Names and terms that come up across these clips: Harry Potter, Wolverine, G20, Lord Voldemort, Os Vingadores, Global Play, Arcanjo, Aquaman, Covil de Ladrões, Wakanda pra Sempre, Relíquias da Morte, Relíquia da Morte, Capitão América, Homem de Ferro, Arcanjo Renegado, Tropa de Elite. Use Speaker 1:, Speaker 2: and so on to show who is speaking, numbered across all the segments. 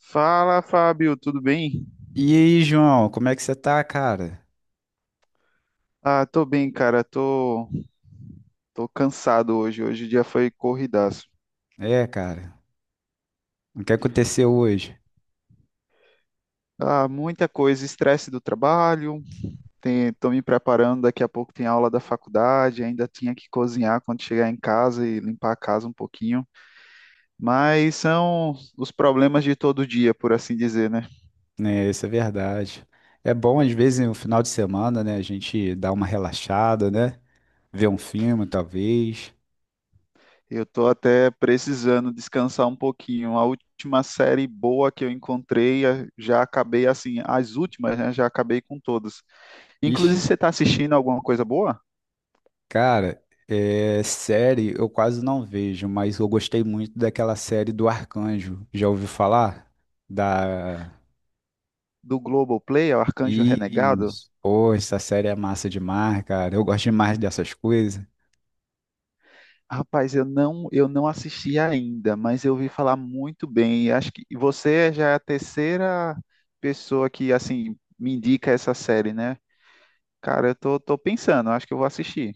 Speaker 1: Fala, Fábio, tudo bem?
Speaker 2: E aí, João, como é que você tá, cara?
Speaker 1: Ah, tô bem, cara. Tô cansado hoje. Hoje o dia foi corridaço.
Speaker 2: É, cara, o que aconteceu hoje?
Speaker 1: Ah, muita coisa, estresse do trabalho. Tô me preparando, daqui a pouco tem aula da faculdade. Ainda tinha que cozinhar quando chegar em casa e limpar a casa um pouquinho. Mas são os problemas de todo dia, por assim dizer, né?
Speaker 2: Né, isso é verdade. É bom, às vezes, no final de semana, né, a gente dá uma relaxada, né? Ver um filme, talvez.
Speaker 1: Eu tô até precisando descansar um pouquinho. A última série boa que eu encontrei, já acabei assim, as últimas, né? Já acabei com todas.
Speaker 2: Ixi,
Speaker 1: Inclusive, você está assistindo alguma coisa boa?
Speaker 2: cara, é, série eu quase não vejo, mas eu gostei muito daquela série do Arcanjo. Já ouviu falar? Da...
Speaker 1: Do Global Play, o Arcanjo Renegado?
Speaker 2: Isso. Pô, essa série é massa demais, cara. Eu gosto demais dessas coisas.
Speaker 1: Rapaz, eu não assisti ainda, mas eu ouvi falar muito bem. Acho que você já é a terceira pessoa que assim me indica essa série, né? Cara, tô pensando, acho que eu vou assistir.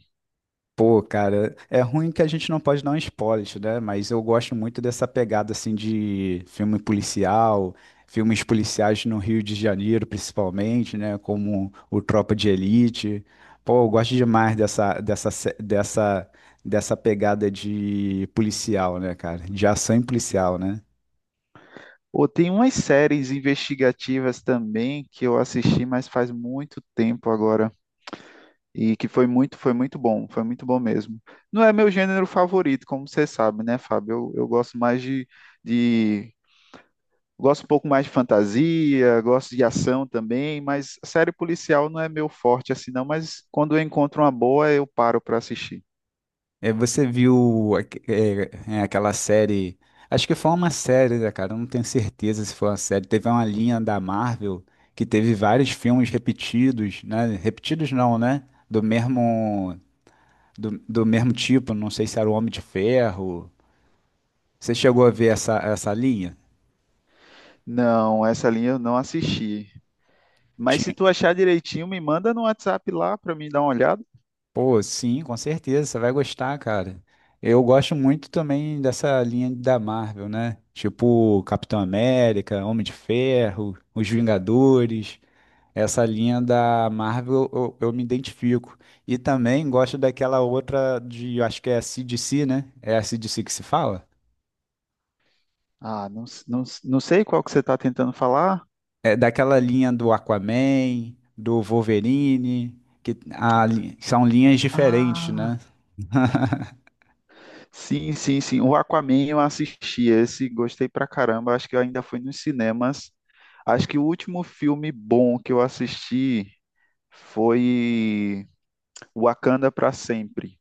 Speaker 2: Pô, cara, é ruim que a gente não pode dar um spoiler, né? Mas eu gosto muito dessa pegada assim de filme policial, filmes policiais no Rio de Janeiro, principalmente, né? Como o Tropa de Elite. Pô, eu gosto demais dessa, dessa, se- dessa, dessa pegada de policial, né, cara? De ação e policial, né?
Speaker 1: Ou tem umas séries investigativas também que eu assisti, mas faz muito tempo agora. E que foi muito bom mesmo. Não é meu gênero favorito, como você sabe, né, Fábio? Eu gosto mais de. Gosto um pouco mais de fantasia, gosto de ação também, mas série policial não é meu forte assim, não. Mas quando eu encontro uma boa, eu paro para assistir.
Speaker 2: É, você viu aque- é, é, aquela série? Acho que foi uma série, né, cara? Eu não tenho certeza se foi uma série. Teve uma linha da Marvel que teve vários filmes repetidos, né? Repetidos não, né? Do mesmo, do mesmo tipo. Não sei se era o Homem de Ferro. Você chegou a ver essa linha?
Speaker 1: Não, essa linha eu não assisti. Mas se
Speaker 2: Tinha-
Speaker 1: tu achar direitinho, me manda no WhatsApp lá para mim dar uma olhada.
Speaker 2: Pô, sim, com certeza. Você vai gostar, cara. Eu gosto muito também dessa linha da Marvel, né? Tipo Capitão América, Homem de Ferro, Os Vingadores. Essa linha da Marvel eu me identifico. E também gosto daquela outra de, eu acho que é a CDC, né? É a CDC que se fala?
Speaker 1: Ah, não, não, não sei qual que você está tentando falar.
Speaker 2: É daquela linha do Aquaman, do Wolverine, são linhas diferentes,
Speaker 1: Ah,
Speaker 2: né?
Speaker 1: sim, sim, sim. O Aquaman eu assisti esse, gostei pra caramba. Acho que eu ainda fui nos cinemas. Acho que o último filme bom que eu assisti foi Wakanda pra Sempre.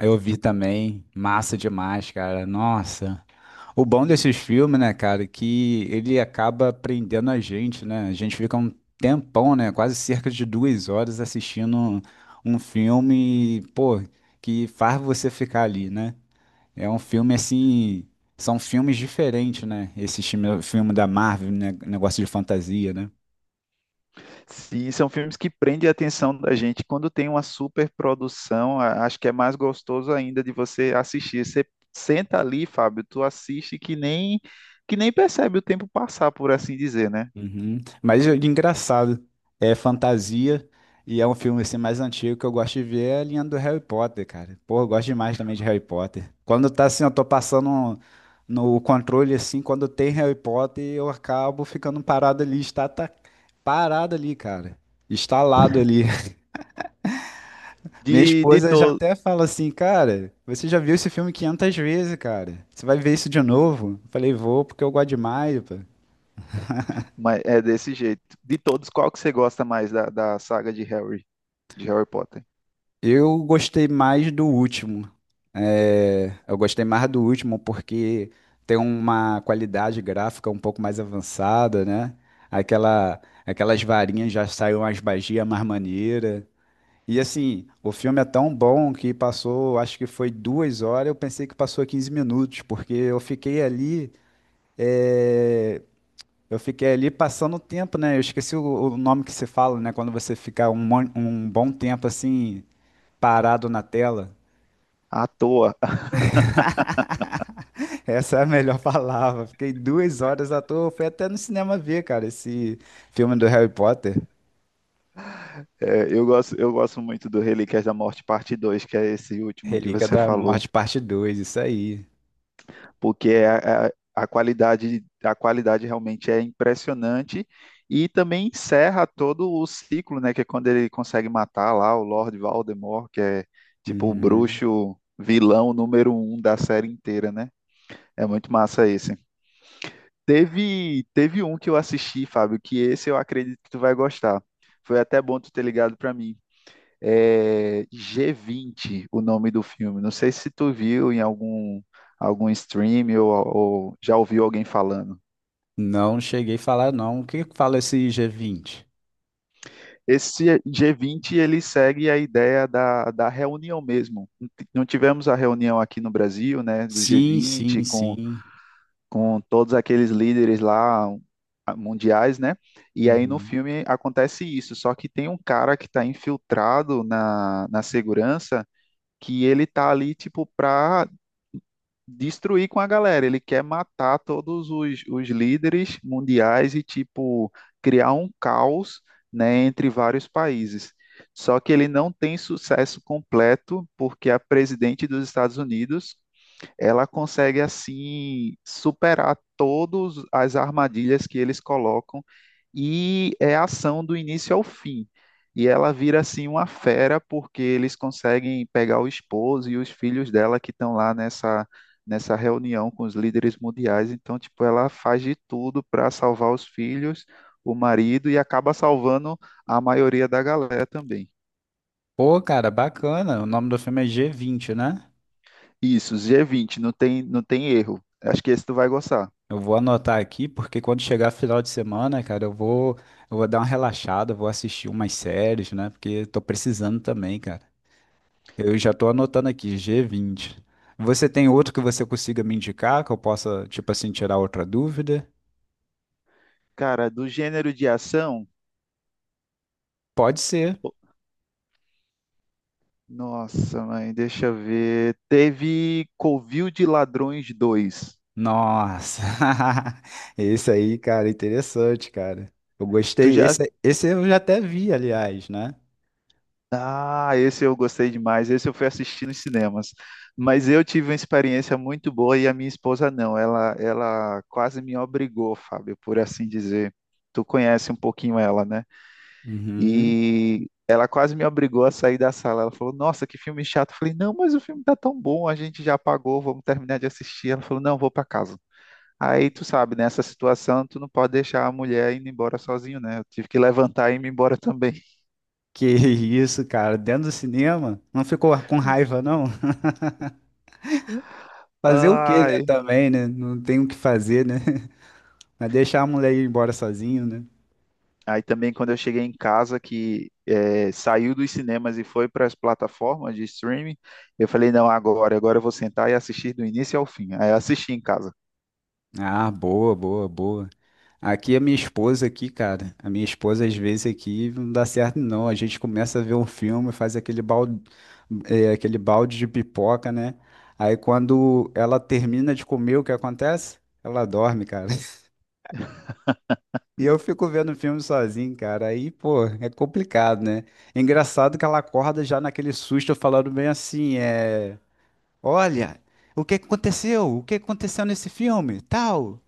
Speaker 2: Eu vi também, massa demais, cara. Nossa. O bom desses filmes, né, cara, é que ele acaba prendendo a gente, né? A gente fica um tempão, né? Quase cerca de duas horas assistindo um filme, pô, que faz você ficar ali, né? É um filme assim. São filmes diferentes, né? Esse filme da Marvel, né? Negócio de fantasia, né?
Speaker 1: Sim, são filmes que prendem a atenção da gente. Quando tem uma super produção, acho que é mais gostoso ainda de você assistir. Você senta ali, Fábio, tu assiste que nem percebe o tempo passar, por assim dizer, né?
Speaker 2: Uhum. Mas de engraçado, é fantasia e é um filme assim mais antigo que eu gosto de ver é a linha do Harry Potter, cara. Pô, eu gosto demais também de Harry Potter. Quando tá assim, eu tô no controle assim, quando tem Harry Potter, eu acabo ficando parado ali, está tá parado ali, cara. Estalado ali. Minha
Speaker 1: De, de
Speaker 2: esposa já
Speaker 1: todos,
Speaker 2: até fala assim, cara, você já viu esse filme 500 vezes, cara. Você vai ver isso de novo? Eu falei, vou, porque eu gosto demais.
Speaker 1: mas é desse jeito. De todos, qual que você gosta mais da saga de Harry Potter?
Speaker 2: Eu gostei mais do último. É, eu gostei mais do último porque tem uma qualidade gráfica um pouco mais avançada, né? Aquelas varinhas já saíram as magias mais maneira. E assim, o filme é tão bom que passou, acho que foi duas horas, eu pensei que passou 15 minutos, porque eu fiquei ali, é, eu fiquei ali passando o tempo, né? Eu esqueci o nome que se fala, né? Quando você fica um bom tempo assim parado na tela.
Speaker 1: À toa.
Speaker 2: Essa é a melhor palavra. Fiquei duas horas à toa. Fui até no cinema ver, cara, esse filme do Harry Potter.
Speaker 1: É, eu gosto muito do Relíquias da Morte, parte 2, que é esse último que
Speaker 2: Relíquia
Speaker 1: você
Speaker 2: da
Speaker 1: falou.
Speaker 2: Morte, parte 2, isso aí.
Speaker 1: Porque a qualidade realmente é impressionante e também encerra todo o ciclo, né? Que é quando ele consegue matar lá o Lord Voldemort, que é tipo o
Speaker 2: Uhum.
Speaker 1: bruxo vilão número um da série inteira, né? É muito massa esse. Teve um que eu assisti, Fábio, que esse eu acredito que tu vai gostar. Foi até bom tu ter ligado para mim, é G20, o nome do filme. Não sei se tu viu em algum, algum stream ou já ouviu alguém falando.
Speaker 2: Não cheguei a falar, não. O que que fala esse G20?
Speaker 1: Esse G20 ele segue a ideia da reunião mesmo. Não tivemos a reunião aqui no Brasil, né, do
Speaker 2: Sim, sim,
Speaker 1: G20
Speaker 2: sim.
Speaker 1: com todos aqueles líderes lá mundiais, né? E aí no
Speaker 2: Uhum.
Speaker 1: filme acontece isso, só que tem um cara que está infiltrado na segurança que ele tá ali tipo para destruir com a galera. Ele quer matar os líderes mundiais e, tipo, criar um caos, né, entre vários países. Só que ele não tem sucesso completo porque a presidente dos Estados Unidos ela consegue assim superar todas as armadilhas que eles colocam e é ação do início ao fim. E ela vira assim uma fera porque eles conseguem pegar o esposo e os filhos dela que estão lá nessa reunião com os líderes mundiais. Então, tipo, ela faz de tudo para salvar os filhos, o marido e acaba salvando a maioria da galera também.
Speaker 2: Pô, cara, bacana. O nome do filme é G20, né?
Speaker 1: Isso, G20 não tem, não tem erro. Acho que esse tu vai gostar.
Speaker 2: Eu vou anotar aqui, porque quando chegar final de semana, cara, eu vou dar uma relaxada, vou assistir umas séries, né? Porque tô precisando também, cara. Eu já tô anotando aqui, G20. Você tem outro que você consiga me indicar, que eu possa, tipo assim, tirar outra dúvida?
Speaker 1: Cara, do gênero de ação,
Speaker 2: Pode ser.
Speaker 1: pô, nossa, mãe, deixa eu ver. Teve Covil de Ladrões dois.
Speaker 2: Nossa, esse aí, cara, interessante, cara. Eu
Speaker 1: Tu
Speaker 2: gostei.
Speaker 1: já.
Speaker 2: Esse eu já até vi, aliás, né?
Speaker 1: Ah, esse eu gostei demais. Esse eu fui assistir nos cinemas. Mas eu tive uma experiência muito boa e a minha esposa não. Ela quase me obrigou, Fábio, por assim dizer. Tu conhece um pouquinho ela, né?
Speaker 2: Uhum.
Speaker 1: E ela quase me obrigou a sair da sala. Ela falou: "Nossa, que filme chato." Eu falei: "Não, mas o filme tá tão bom, a gente já pagou, vamos terminar de assistir." Ela falou: "Não, vou pra casa." Aí tu sabe, nessa situação, tu não pode deixar a mulher indo embora sozinho, né? Eu tive que levantar e ir embora também.
Speaker 2: Que isso, cara, dentro do cinema, não ficou com raiva, não? Fazer o quê, né,
Speaker 1: Ai.
Speaker 2: também, né? Não tem o que fazer, né? Mas deixar a mulher ir embora sozinho, né?
Speaker 1: Aí também quando eu cheguei em casa, que saiu dos cinemas e foi para as plataformas de streaming, eu falei, não, agora eu vou sentar e assistir do início ao fim. Aí eu assisti em casa.
Speaker 2: Ah, boa, boa, boa. Aqui a minha esposa aqui, cara, a minha esposa às vezes aqui não dá certo não. A gente começa a ver um filme, faz aquele balde de pipoca, né? Aí quando ela termina de comer, o que acontece? Ela dorme, cara. E eu fico vendo filme sozinho, cara. Aí, pô, é complicado, né? Engraçado que ela acorda já naquele susto falando bem assim, é, olha, o que aconteceu? O que aconteceu nesse filme? Tal.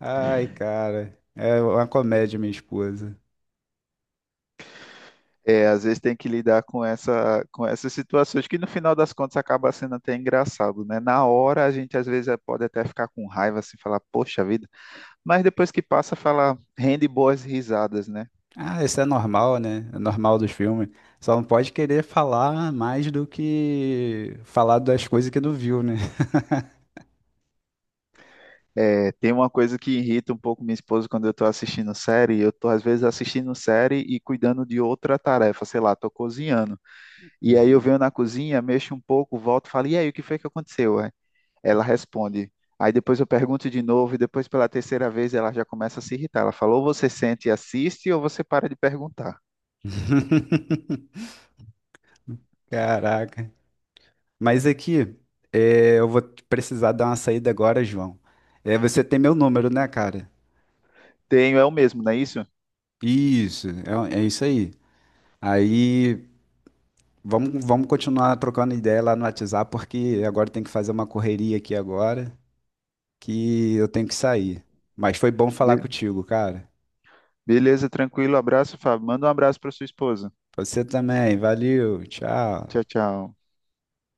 Speaker 2: Ai, cara, é uma comédia, minha esposa.
Speaker 1: É, às vezes tem que lidar com com essas situações que no final das contas acaba sendo até engraçado, né? Na hora a gente às vezes pode até ficar com raiva, assim, falar, poxa vida, mas depois que passa, fala, rende boas risadas, né?
Speaker 2: Ah, isso é normal, né? É normal dos filmes. Só não pode querer falar mais do que falar das coisas que não viu, né?
Speaker 1: É, tem uma coisa que irrita um pouco minha esposa quando eu estou assistindo série. Eu estou, às vezes, assistindo série e cuidando de outra tarefa, sei lá, estou cozinhando. E aí eu
Speaker 2: Uhum.
Speaker 1: venho na cozinha, mexo um pouco, volto e falo, e aí, o que foi que aconteceu? É? Ela responde. Aí depois eu pergunto de novo, e depois pela terceira vez ela já começa a se irritar. Ela falou, ou você sente e assiste, ou você para de perguntar.
Speaker 2: Caraca. Mas aqui, é, eu vou precisar dar uma saída agora, João. É, você tem meu número, né, cara?
Speaker 1: Tenho, é o mesmo, não é isso?
Speaker 2: Isso, é isso aí. Aí, vamos continuar trocando ideia lá no WhatsApp, porque agora tem que fazer uma correria aqui agora, que eu tenho que sair. Mas foi bom falar
Speaker 1: Be-
Speaker 2: contigo, cara.
Speaker 1: Beleza, tranquilo, abraço, Fábio. Manda um abraço para sua esposa.
Speaker 2: Você também, valeu,
Speaker 1: Tchau,
Speaker 2: tchau.
Speaker 1: tchau.